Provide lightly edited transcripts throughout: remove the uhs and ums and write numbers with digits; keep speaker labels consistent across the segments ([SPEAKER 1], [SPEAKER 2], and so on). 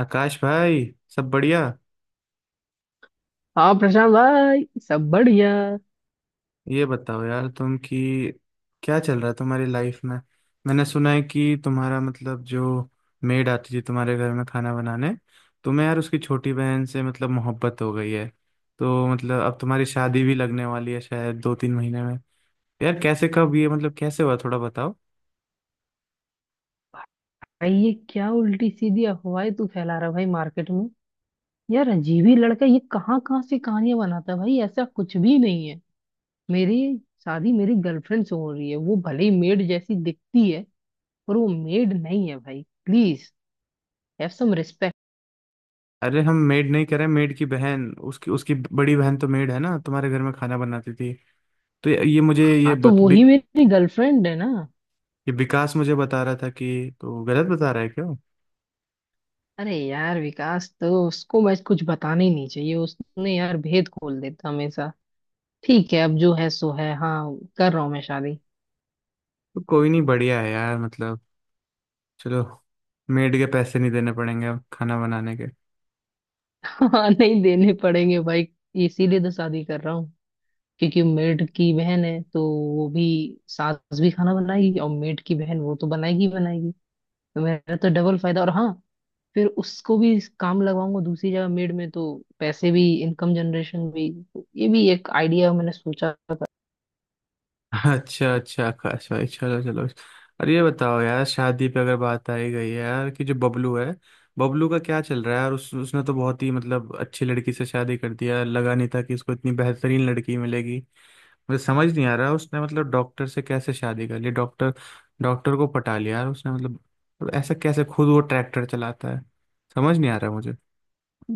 [SPEAKER 1] आकाश भाई। सब बढ़िया।
[SPEAKER 2] हाँ प्रशांत भाई। सब बढ़िया।
[SPEAKER 1] ये बताओ यार तुम कि क्या चल रहा है तुम्हारी लाइफ में। मैंने सुना है कि तुम्हारा मतलब जो मेड आती थी तुम्हारे घर में खाना बनाने, तुम्हें यार उसकी छोटी बहन से मतलब मोहब्बत हो गई है। तो मतलब अब तुम्हारी शादी भी लगने वाली है शायद 2-3 महीने में। यार कैसे, कब, ये मतलब कैसे हुआ, थोड़ा बताओ।
[SPEAKER 2] भाई ये क्या उल्टी सीधी अफवाहें तू फैला रहा है भाई मार्केट में। यार अजीब ही लड़का ये कहाँ कहाँ से कहानियां बनाता है भाई। ऐसा कुछ भी नहीं है। मेरी शादी मेरी गर्लफ्रेंड से हो रही है। वो भले ही मेड जैसी दिखती है पर वो मेड नहीं है भाई। Please have some respect.
[SPEAKER 1] अरे हम मेड नहीं करें, मेड की बहन, उसकी उसकी बड़ी बहन तो मेड है ना, तुम्हारे घर में खाना बनाती थी। तो ये मुझे
[SPEAKER 2] हाँ तो वो ही मेरी गर्लफ्रेंड है ना।
[SPEAKER 1] ये विकास मुझे बता रहा था कि, तो गलत बता रहा है क्या वो?
[SPEAKER 2] अरे यार विकास तो उसको मैं कुछ बताना ही नहीं चाहिए। उसने यार भेद खोल देता हमेशा। ठीक है अब जो है सो है। हाँ कर रहा हूँ मैं शादी।
[SPEAKER 1] तो कोई नहीं, बढ़िया है यार मतलब। चलो, मेड के पैसे नहीं देने पड़ेंगे अब खाना बनाने के
[SPEAKER 2] हाँ नहीं देने पड़ेंगे भाई। इसीलिए तो शादी कर रहा हूँ क्योंकि मेड की बहन है तो वो भी। सास भी खाना बनाएगी और मेड की बहन वो तो बनाएगी ही बनाएगी। तो मेरा तो डबल फायदा। और हाँ, फिर उसको भी काम लगवाऊंगा दूसरी जगह मेड में तो पैसे भी, इनकम जनरेशन भी। तो ये भी एक आइडिया मैंने सोचा था।
[SPEAKER 1] अच्छा अच्छा आकाश भाई, चलो चलो। अरे ये बताओ यार, शादी पे अगर बात आई गई है यार कि जो बबलू है, बबलू का क्या चल रहा है। और उसने तो बहुत ही मतलब अच्छी लड़की से शादी कर दिया, लगा नहीं था कि इसको इतनी बेहतरीन लड़की मिलेगी। मुझे समझ नहीं आ रहा, उसने मतलब डॉक्टर से कैसे शादी कर ली। डॉक्टर डॉक्टर को पटा लिया यार उसने, मतलब, मतलब ऐसा कैसे, खुद वो ट्रैक्टर चलाता है, समझ नहीं आ रहा मुझे।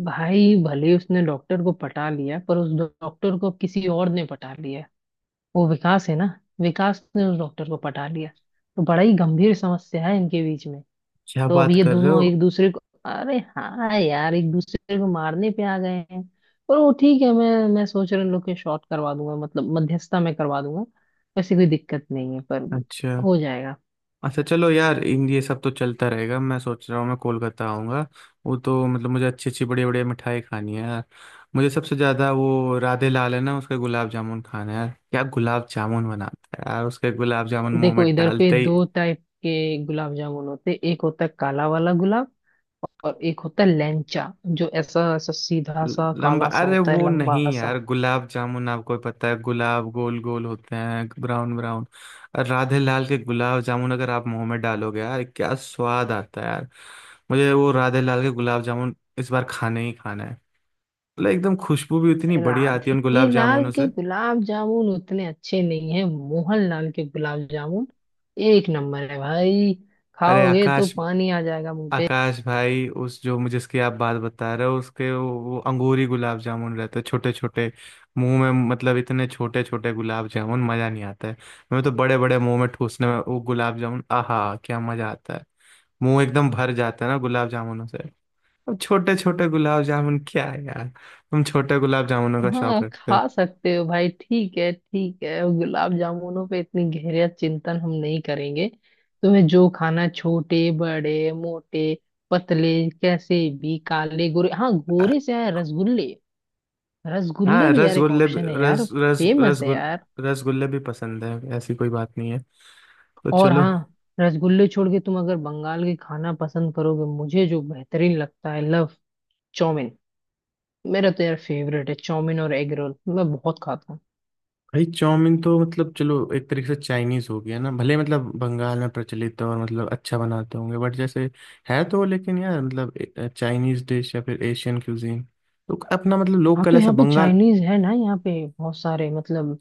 [SPEAKER 2] भाई भले ही उसने डॉक्टर को पटा लिया पर उस डॉक्टर को किसी और ने पटा लिया। वो विकास है ना, विकास ने उस डॉक्टर को पटा लिया। तो बड़ा ही गंभीर समस्या है इनके बीच में।
[SPEAKER 1] क्या
[SPEAKER 2] तो अब
[SPEAKER 1] बात
[SPEAKER 2] ये
[SPEAKER 1] कर रहे
[SPEAKER 2] दोनों
[SPEAKER 1] हो।
[SPEAKER 2] एक दूसरे को, अरे हाँ यार, एक दूसरे को मारने पे आ गए हैं। पर वो ठीक है, मैं सोच रहा हूँ इन लोग के शॉर्ट करवा दूंगा, मतलब मध्यस्थता में करवा दूंगा। वैसे कोई दिक्कत नहीं है, पर
[SPEAKER 1] अच्छा,
[SPEAKER 2] हो जाएगा।
[SPEAKER 1] अच्छा चलो यार, इन ये सब तो चलता रहेगा, मैं सोच रहा हूँ मैं कोलकाता आऊँगा। वो तो मतलब मुझे अच्छी अच्छी बड़ी बड़ी मिठाई खानी है यार। मुझे सबसे ज़्यादा वो राधे लाल है ना, उसके गुलाब जामुन खाना है यार, क्या गुलाब जामुन बनाता है यार, उसके गुलाब जामुन मुंह
[SPEAKER 2] देखो
[SPEAKER 1] में
[SPEAKER 2] इधर पे
[SPEAKER 1] डालते ही।
[SPEAKER 2] 2 टाइप के गुलाब जामुन होते। एक होता है काला वाला गुलाब और एक होता है लैंचा जो ऐसा ऐसा सीधा सा
[SPEAKER 1] लंबा,
[SPEAKER 2] काला सा
[SPEAKER 1] अरे
[SPEAKER 2] होता है
[SPEAKER 1] वो नहीं
[SPEAKER 2] लंबा
[SPEAKER 1] यार,
[SPEAKER 2] सा।
[SPEAKER 1] गुलाब जामुन आपको भी पता है, गुलाब गोल गोल होते हैं, ब्राउन ब्राउन। और राधे लाल के गुलाब जामुन अगर आप मुंह में डालोगे यार, क्या स्वाद आता है यार। मुझे वो राधे लाल के गुलाब जामुन इस बार खाने ही खाना है। मतलब एकदम खुशबू भी उतनी बढ़िया आती है उन
[SPEAKER 2] राधे
[SPEAKER 1] गुलाब
[SPEAKER 2] लाल
[SPEAKER 1] जामुनों
[SPEAKER 2] के
[SPEAKER 1] से।
[SPEAKER 2] गुलाब जामुन उतने अच्छे नहीं है। मोहन लाल के गुलाब जामुन एक नंबर है भाई।
[SPEAKER 1] अरे
[SPEAKER 2] खाओगे तो
[SPEAKER 1] आकाश,
[SPEAKER 2] पानी आ जाएगा मुंह पे।
[SPEAKER 1] आकाश भाई, उस जो मुझे जिसकी आप बात बता रहे हो, उसके वो अंगूरी गुलाब जामुन रहते छोटे छोटे। मुंह में मतलब इतने छोटे छोटे गुलाब जामुन, मजा नहीं आता है। मैं तो बड़े बड़े मुंह में ठूसने में, वो गुलाब जामुन आहा, क्या मजा आता है, मुंह एकदम भर जाता है ना गुलाब जामुनों से। अब छोटे छोटे गुलाब जामुन क्या है यार, तुम छोटे गुलाब जामुनों का शौक
[SPEAKER 2] हाँ
[SPEAKER 1] रखते हो।
[SPEAKER 2] खा सकते हो भाई। ठीक है, ठीक है, गुलाब जामुनों पे इतनी गहरा चिंतन हम नहीं करेंगे। तुम्हें जो खाना है, छोटे बड़े मोटे पतले कैसे भी, काले गोरे। हाँ,
[SPEAKER 1] अ,
[SPEAKER 2] गोरे से आया रसगुल्ले। रसगुल्ले
[SPEAKER 1] हाँ,
[SPEAKER 2] भी यार एक
[SPEAKER 1] रसगुल्ले भी-
[SPEAKER 2] ऑप्शन है यार।
[SPEAKER 1] रस रस
[SPEAKER 2] फेमस है
[SPEAKER 1] रसगुल
[SPEAKER 2] यार।
[SPEAKER 1] रसगुल्ले भी पसंद है, ऐसी कोई बात नहीं है। तो
[SPEAKER 2] और
[SPEAKER 1] चलो।
[SPEAKER 2] हाँ, रसगुल्ले छोड़ के तुम अगर बंगाल के खाना पसंद करोगे, मुझे जो बेहतरीन लगता है, लव चाउमीन। मेरा तो यार फेवरेट है चाउमीन और एग रोल। मैं बहुत खाता हूँ।
[SPEAKER 1] भाई चाउमीन तो मतलब चलो, एक तरीके से चाइनीज हो गया ना, भले मतलब बंगाल में प्रचलित है और मतलब अच्छा बनाते होंगे, बट जैसे है तो, लेकिन यार मतलब चाइनीज डिश या फिर एशियन क्यूजीन, तो अपना मतलब लोग
[SPEAKER 2] हाँ
[SPEAKER 1] कल
[SPEAKER 2] तो
[SPEAKER 1] ऐसा
[SPEAKER 2] यहाँ पे
[SPEAKER 1] बंगाल।
[SPEAKER 2] चाइनीज है ना, यहाँ पे बहुत सारे मतलब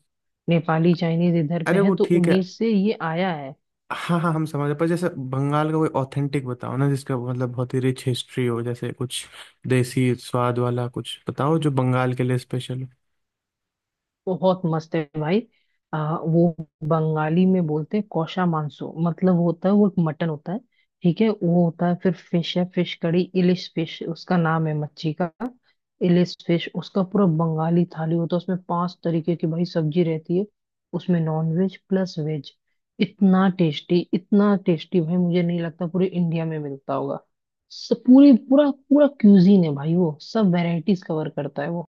[SPEAKER 2] नेपाली चाइनीज इधर पे
[SPEAKER 1] अरे
[SPEAKER 2] है,
[SPEAKER 1] वो
[SPEAKER 2] तो
[SPEAKER 1] ठीक है।
[SPEAKER 2] उन्हीं से ये आया है।
[SPEAKER 1] हाँ हाँ हम समझ रहे हैं, पर जैसे बंगाल का कोई ऑथेंटिक बताओ ना जिसका मतलब बहुत ही रिच हिस्ट्री हो, जैसे कुछ देसी स्वाद वाला कुछ बताओ जो बंगाल के लिए स्पेशल।
[SPEAKER 2] बहुत मस्त है भाई। वो बंगाली में बोलते हैं कौशा मांसो, मतलब होता है वो एक मटन होता है। ठीक है, वो होता है। फिर फिश है, फिश कड़ी, इलिश फिश उसका नाम है, मच्छी का। इलिश फिश उसका पूरा बंगाली थाली होता है, उसमें 5 तरीके की भाई सब्जी रहती है। उसमें नॉन वेज प्लस वेज। इतना टेस्टी, इतना टेस्टी भाई, मुझे नहीं लगता पूरे इंडिया में मिलता होगा। पूरे पूरा पूरा क्यूजीन है भाई वो, सब वेराइटीज कवर करता है वो।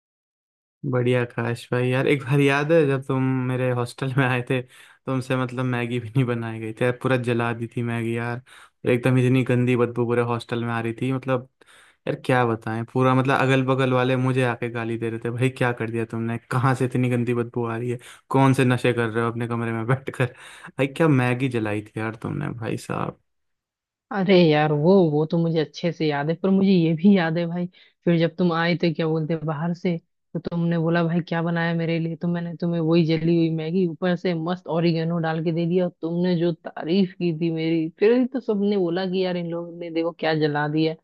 [SPEAKER 1] बढ़िया काश भाई, यार एक बार याद है जब तुम मेरे हॉस्टल में आए थे, तुमसे मतलब मैगी भी नहीं बनाई गई थी यार, पूरा जला दी थी मैगी यार, और एकदम इतनी गंदी बदबू पूरे हॉस्टल में आ रही थी, मतलब यार क्या बताएं, पूरा मतलब अगल बगल वाले मुझे आके गाली दे रहे थे भाई, क्या कर दिया तुमने, कहाँ से इतनी गंदी बदबू आ रही है, कौन से नशे कर रहे हो अपने कमरे में बैठ कर, भाई क्या मैगी जलाई थी यार तुमने भाई साहब।
[SPEAKER 2] अरे यार, वो तो मुझे अच्छे से याद है पर मुझे ये भी याद है भाई, फिर जब तुम आए थे, क्या बोलते हैं, बाहर से, तो तुमने बोला भाई क्या बनाया मेरे लिए, तो मैंने तुम्हें वही जली हुई मैगी ऊपर से मस्त ओरिगेनो डाल के दे दिया, और तुमने जो तारीफ की थी मेरी, फिर ही तो सबने बोला कि यार इन लोगों ने देखो क्या जला दिया।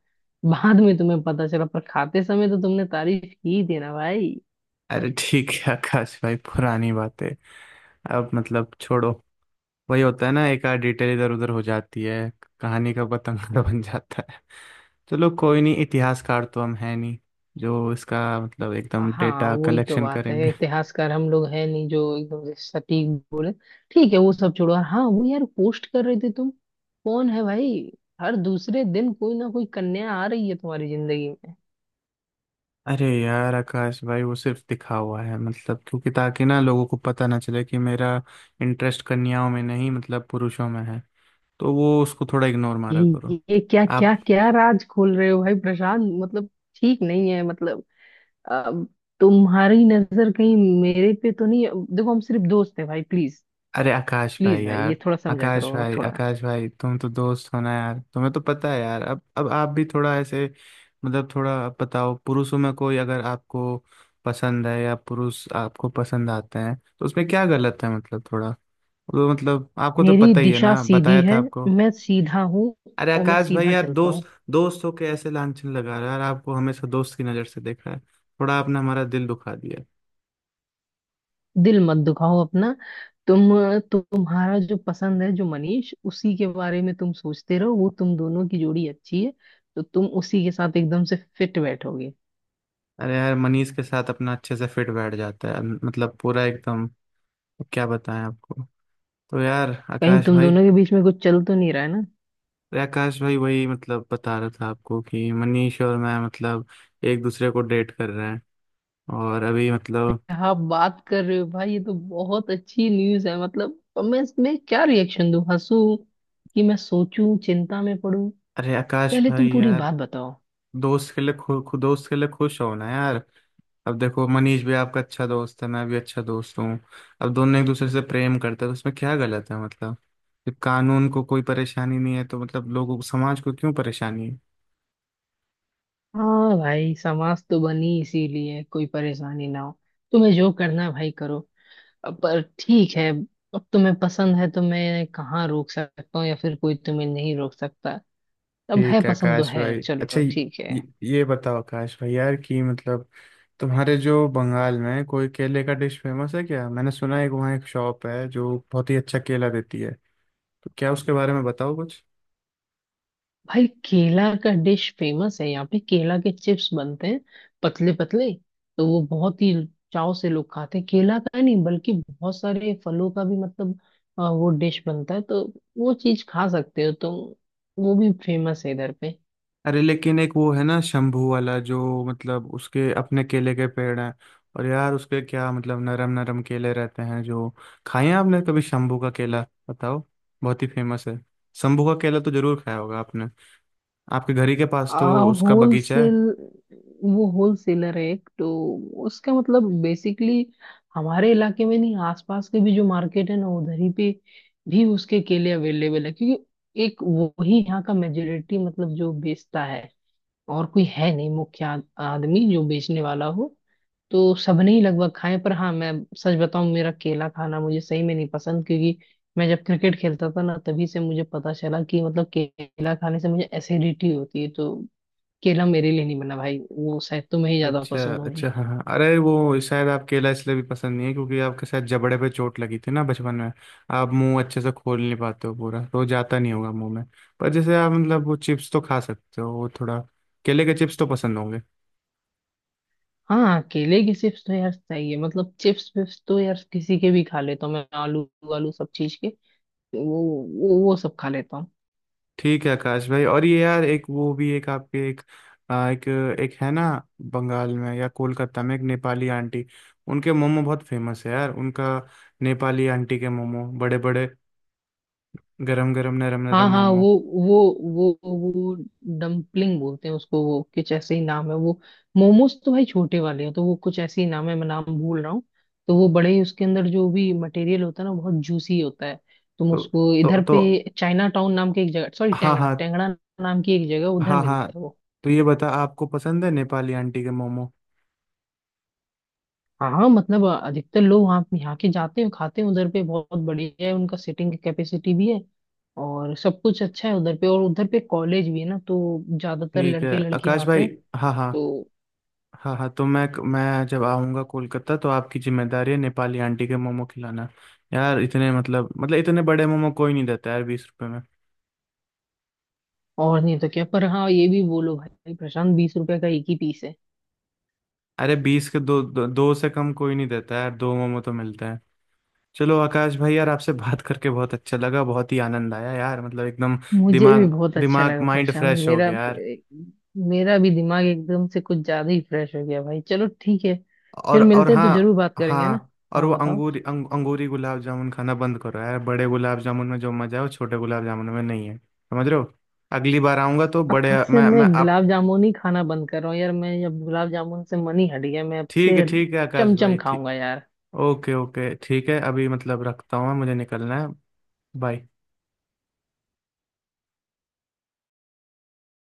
[SPEAKER 2] बाद में तुम्हें पता चला, पर खाते समय तो तुमने तारीफ की थी ना भाई।
[SPEAKER 1] अरे ठीक है आकाश भाई, पुरानी बातें अब मतलब छोड़ो, वही होता है ना, एक आध डिटेल इधर उधर हो जाती है, कहानी का पतंग बन जाता है। चलो कोई नहीं, इतिहासकार तो हम है नहीं जो इसका मतलब एकदम
[SPEAKER 2] हाँ
[SPEAKER 1] डेटा
[SPEAKER 2] वही तो
[SPEAKER 1] कलेक्शन
[SPEAKER 2] बात है,
[SPEAKER 1] करेंगे।
[SPEAKER 2] इतिहासकार हम लोग है नहीं जो एकदम से सटीक बोले। ठीक है, वो सब छोड़ो। और हाँ वो यार, पोस्ट कर रहे थे तुम, कौन है भाई? हर दूसरे दिन कोई ना कोई कन्या आ रही है तुम्हारी जिंदगी में।
[SPEAKER 1] अरे यार आकाश भाई, वो सिर्फ दिखा हुआ है मतलब, क्योंकि ताकि ना लोगों को पता ना चले कि मेरा इंटरेस्ट कन्याओं में नहीं मतलब पुरुषों में है, तो वो उसको थोड़ा इग्नोर मारा करो।
[SPEAKER 2] ये क्या
[SPEAKER 1] आप।
[SPEAKER 2] क्या क्या राज खोल रहे हो भाई प्रशांत, मतलब ठीक नहीं है मतलब। अब तुम्हारी नजर कहीं मेरे पे तो नहीं है? देखो हम सिर्फ दोस्त हैं भाई, प्लीज।
[SPEAKER 1] अरे आकाश भाई
[SPEAKER 2] प्लीज भाई
[SPEAKER 1] यार,
[SPEAKER 2] ये थोड़ा समझा
[SPEAKER 1] आकाश
[SPEAKER 2] करो
[SPEAKER 1] भाई,
[SPEAKER 2] थोड़ा।
[SPEAKER 1] आकाश भाई, तुम तो दोस्त हो ना यार, तुम्हें तो पता है यार, अब आप भी थोड़ा ऐसे, मतलब थोड़ा, अब बताओ, पुरुषों में कोई अगर आपको पसंद है या पुरुष आपको पसंद आते हैं तो उसमें क्या गलत है मतलब थोड़ा। तो मतलब आपको तो
[SPEAKER 2] मेरी
[SPEAKER 1] पता ही है
[SPEAKER 2] दिशा
[SPEAKER 1] ना,
[SPEAKER 2] सीधी
[SPEAKER 1] बताया था
[SPEAKER 2] है।
[SPEAKER 1] आपको।
[SPEAKER 2] मैं सीधा हूँ।
[SPEAKER 1] अरे
[SPEAKER 2] और मैं
[SPEAKER 1] आकाश भाई
[SPEAKER 2] सीधा
[SPEAKER 1] यार,
[SPEAKER 2] चलता हूँ।
[SPEAKER 1] दोस्त दोस्त हो के ऐसे लांछन लगा रहा है यार, आपको हमेशा दोस्त की नज़र से देखा है, थोड़ा आपने हमारा दिल दुखा दिया।
[SPEAKER 2] दिल मत दुखाओ अपना। तुम तुम्हारा जो पसंद है, जो मनीष, उसी के बारे में तुम सोचते रहो। वो तुम दोनों की जोड़ी अच्छी है, तो तुम उसी के साथ एकदम से फिट बैठोगे।
[SPEAKER 1] अरे यार मनीष के साथ अपना अच्छे से फिट बैठ जाता है मतलब पूरा एकदम। तो क्या बताएं आपको। तो यार
[SPEAKER 2] कहीं
[SPEAKER 1] आकाश
[SPEAKER 2] तुम
[SPEAKER 1] भाई।
[SPEAKER 2] दोनों के बीच में कुछ चल तो नहीं रहा है ना?
[SPEAKER 1] अरे आकाश भाई, वही मतलब बता रहा था आपको कि मनीष और मैं मतलब एक दूसरे को डेट कर रहे हैं, और अभी मतलब।
[SPEAKER 2] क्या बात कर रहे हो भाई, ये तो बहुत अच्छी न्यूज है। मतलब अब मैं इसमें क्या रिएक्शन दूं, हंसूं कि मैं सोचूं, चिंता में पड़ूं?
[SPEAKER 1] अरे आकाश
[SPEAKER 2] पहले तुम
[SPEAKER 1] भाई
[SPEAKER 2] पूरी
[SPEAKER 1] यार,
[SPEAKER 2] बात बताओ।
[SPEAKER 1] दोस्त के लिए खुश हो ना यार, अब देखो मनीष भी आपका अच्छा दोस्त है, मैं भी अच्छा दोस्त हूँ, अब दोनों एक दूसरे से प्रेम करते हैं तो उसमें क्या गलत है मतलब। जब कानून को कोई परेशानी नहीं है तो मतलब लोगों को, समाज को क्यों परेशानी है।
[SPEAKER 2] हाँ भाई, समाज तो बनी इसीलिए कोई परेशानी ना हो। तुम्हें जो करना है भाई करो। अब पर ठीक है, अब तुम्हें पसंद है तो मैं कहाँ रोक सकता हूँ, या फिर कोई तुम्हें नहीं रोक सकता। अब है
[SPEAKER 1] ठीक है
[SPEAKER 2] पसंद तो
[SPEAKER 1] आकाश
[SPEAKER 2] है,
[SPEAKER 1] भाई, अच्छा
[SPEAKER 2] चलो ठीक
[SPEAKER 1] ये,
[SPEAKER 2] है।
[SPEAKER 1] ये बताओ आकाश भाई यार कि मतलब, तुम्हारे जो बंगाल में कोई केले का डिश फेमस है क्या, मैंने सुना है कि वहाँ एक शॉप है जो बहुत ही अच्छा केला देती है, तो क्या उसके बारे में बताओ कुछ।
[SPEAKER 2] भाई केला का डिश फेमस है, यहाँ पे केला के चिप्स बनते हैं, पतले पतले। तो वो बहुत ही चाव से लोग खाते हैं। केला का ही नहीं बल्कि बहुत सारे फलों का भी मतलब वो डिश बनता है, तो वो चीज खा सकते हो तुम। वो भी फेमस है इधर पे।
[SPEAKER 1] अरे लेकिन एक वो है ना शंभू वाला, जो मतलब उसके अपने केले के पेड़ हैं और यार उसके क्या मतलब नरम नरम केले रहते हैं जो। खाए हैं आपने कभी शंभू का केला बताओ, बहुत ही फेमस है। शंभू का केला तो जरूर खाया होगा आपने, आपके घर ही के पास तो उसका बगीचा है।
[SPEAKER 2] होलसेल, वो होलसेलर है एक तो। उसका मतलब बेसिकली हमारे इलाके में नहीं, आसपास के भी जो मार्केट है ना उधर ही पे भी उसके केले अवेलेबल है, क्योंकि एक वो ही यहाँ का मेजोरिटी मतलब जो बेचता है। और कोई है नहीं मुख्य आदमी जो बेचने वाला हो। तो सबने ही लगभग खाए, पर हाँ मैं सच बताऊं, मेरा केला खाना मुझे सही में नहीं पसंद, क्योंकि मैं जब क्रिकेट खेलता था ना, तभी से मुझे पता चला कि मतलब केला खाने से मुझे एसिडिटी होती है। तो केला मेरे लिए नहीं बना भाई, वो शायद तुम्हें ही ज्यादा
[SPEAKER 1] अच्छा
[SPEAKER 2] पसंद होंगे।
[SPEAKER 1] अच्छा, हाँ हाँ। अरे वो शायद आप केला इसलिए भी पसंद नहीं है क्योंकि आपके शायद जबड़े पे चोट लगी थी ना बचपन में, आप मुंह अच्छे से खोल नहीं पाते हो, पूरा तो जाता नहीं होगा मुंह में। पर जैसे आप मतलब वो चिप्स तो खा सकते हो, वो थोड़ा केले के चिप्स तो पसंद होंगे।
[SPEAKER 2] हाँ केले की चिप्स तो यार चाहिए, मतलब चिप्स विप्स तो यार किसी के भी खा लेता हूँ मैं। आलू, आलू सब चीज के, वो वो सब खा लेता हूँ।
[SPEAKER 1] ठीक है आकाश भाई, और ये यार, एक वो भी एक आपके एक एक एक है ना, बंगाल में या कोलकाता में एक नेपाली आंटी, उनके मोमो बहुत फेमस है यार उनका, नेपाली आंटी के मोमो, बड़े बड़े, गरम गरम नरम
[SPEAKER 2] हाँ
[SPEAKER 1] नरम
[SPEAKER 2] हाँ,
[SPEAKER 1] मोमो।
[SPEAKER 2] वो वो डम्पलिंग बोलते हैं उसको, वो कुछ ऐसे ही नाम है वो। मोमोज तो भाई छोटे वाले हैं, तो वो कुछ ऐसे ही नाम है, मैं नाम भूल रहा हूँ। तो वो बड़े ही, उसके अंदर जो भी मटेरियल होता है ना, बहुत जूसी होता है। तुम
[SPEAKER 1] तो
[SPEAKER 2] उसको
[SPEAKER 1] तो
[SPEAKER 2] इधर
[SPEAKER 1] तो
[SPEAKER 2] पे चाइना टाउन नाम की एक जगह, सॉरी
[SPEAKER 1] हाँ
[SPEAKER 2] टेंगड़ा
[SPEAKER 1] हाँ।
[SPEAKER 2] टेंगड़ा नाम की एक जगह उधर
[SPEAKER 1] हाँ हाँ
[SPEAKER 2] मिलता है वो।
[SPEAKER 1] तो ये बता, आपको पसंद है नेपाली आंटी के मोमो।
[SPEAKER 2] हाँ हाँ, मतलब अधिकतर लोग वहाँ, यहाँ के जाते हैं खाते हैं उधर पे, बहुत बढ़िया है उनका, सिटिंग की कैपेसिटी भी है और सब कुछ अच्छा है उधर पे। और उधर पे कॉलेज भी है ना, तो ज्यादातर
[SPEAKER 1] ठीक है
[SPEAKER 2] लड़के लड़कियां
[SPEAKER 1] आकाश
[SPEAKER 2] आते
[SPEAKER 1] भाई।
[SPEAKER 2] हैं।
[SPEAKER 1] हाँ हाँ।
[SPEAKER 2] तो
[SPEAKER 1] हाँ हाँ तो मैं जब आऊँगा कोलकाता तो आपकी जिम्मेदारी है नेपाली आंटी के मोमो खिलाना यार। इतने मतलब इतने बड़े मोमो कोई नहीं देता यार 20 रुपए में।
[SPEAKER 2] और नहीं तो क्या, पर हाँ ये भी बोलो भाई प्रशांत, 20 रुपए का एक ही पीस है।
[SPEAKER 1] अरे 20 के दो, दो से कम कोई नहीं देता यार, दो मोमो तो मिलते हैं। चलो आकाश भाई यार, आपसे बात करके बहुत अच्छा लगा, बहुत ही आनंद आया यार मतलब एकदम,
[SPEAKER 2] मुझे भी
[SPEAKER 1] दिमाग,
[SPEAKER 2] बहुत अच्छा
[SPEAKER 1] दिमाग
[SPEAKER 2] लगा
[SPEAKER 1] माइंड
[SPEAKER 2] प्रशांत
[SPEAKER 1] फ्रेश हो
[SPEAKER 2] मेरा।
[SPEAKER 1] गया यार।
[SPEAKER 2] मेरा भी दिमाग एकदम से कुछ ज्यादा ही फ्रेश हो गया भाई, चलो ठीक है।
[SPEAKER 1] और
[SPEAKER 2] फिर
[SPEAKER 1] और
[SPEAKER 2] मिलते हैं तो
[SPEAKER 1] हाँ।
[SPEAKER 2] जरूर बात करेंगे, है ना।
[SPEAKER 1] हाँ और
[SPEAKER 2] हाँ
[SPEAKER 1] वो
[SPEAKER 2] बताओ।
[SPEAKER 1] अंगूरी अंगूरी गुलाब जामुन खाना बंद करो यार, बड़े गुलाब जामुन में जो मजा है वो छोटे गुलाब जामुन में नहीं है, समझ रहे हो। अगली बार आऊंगा तो बड़े,
[SPEAKER 2] अब से
[SPEAKER 1] मैं
[SPEAKER 2] मैं
[SPEAKER 1] मैं आप।
[SPEAKER 2] गुलाब जामुन ही खाना बंद कर रहा हूँ यार। मैं अब गुलाब जामुन से मन ही हट गया। मैं अब
[SPEAKER 1] ठीक है,
[SPEAKER 2] से
[SPEAKER 1] ठीक है आकाश भाई,
[SPEAKER 2] चमचम
[SPEAKER 1] ठीक।
[SPEAKER 2] खाऊंगा यार।
[SPEAKER 1] ओके ओके ठीक है, अभी मतलब रखता हूँ मैं, मुझे निकलना है। बाय।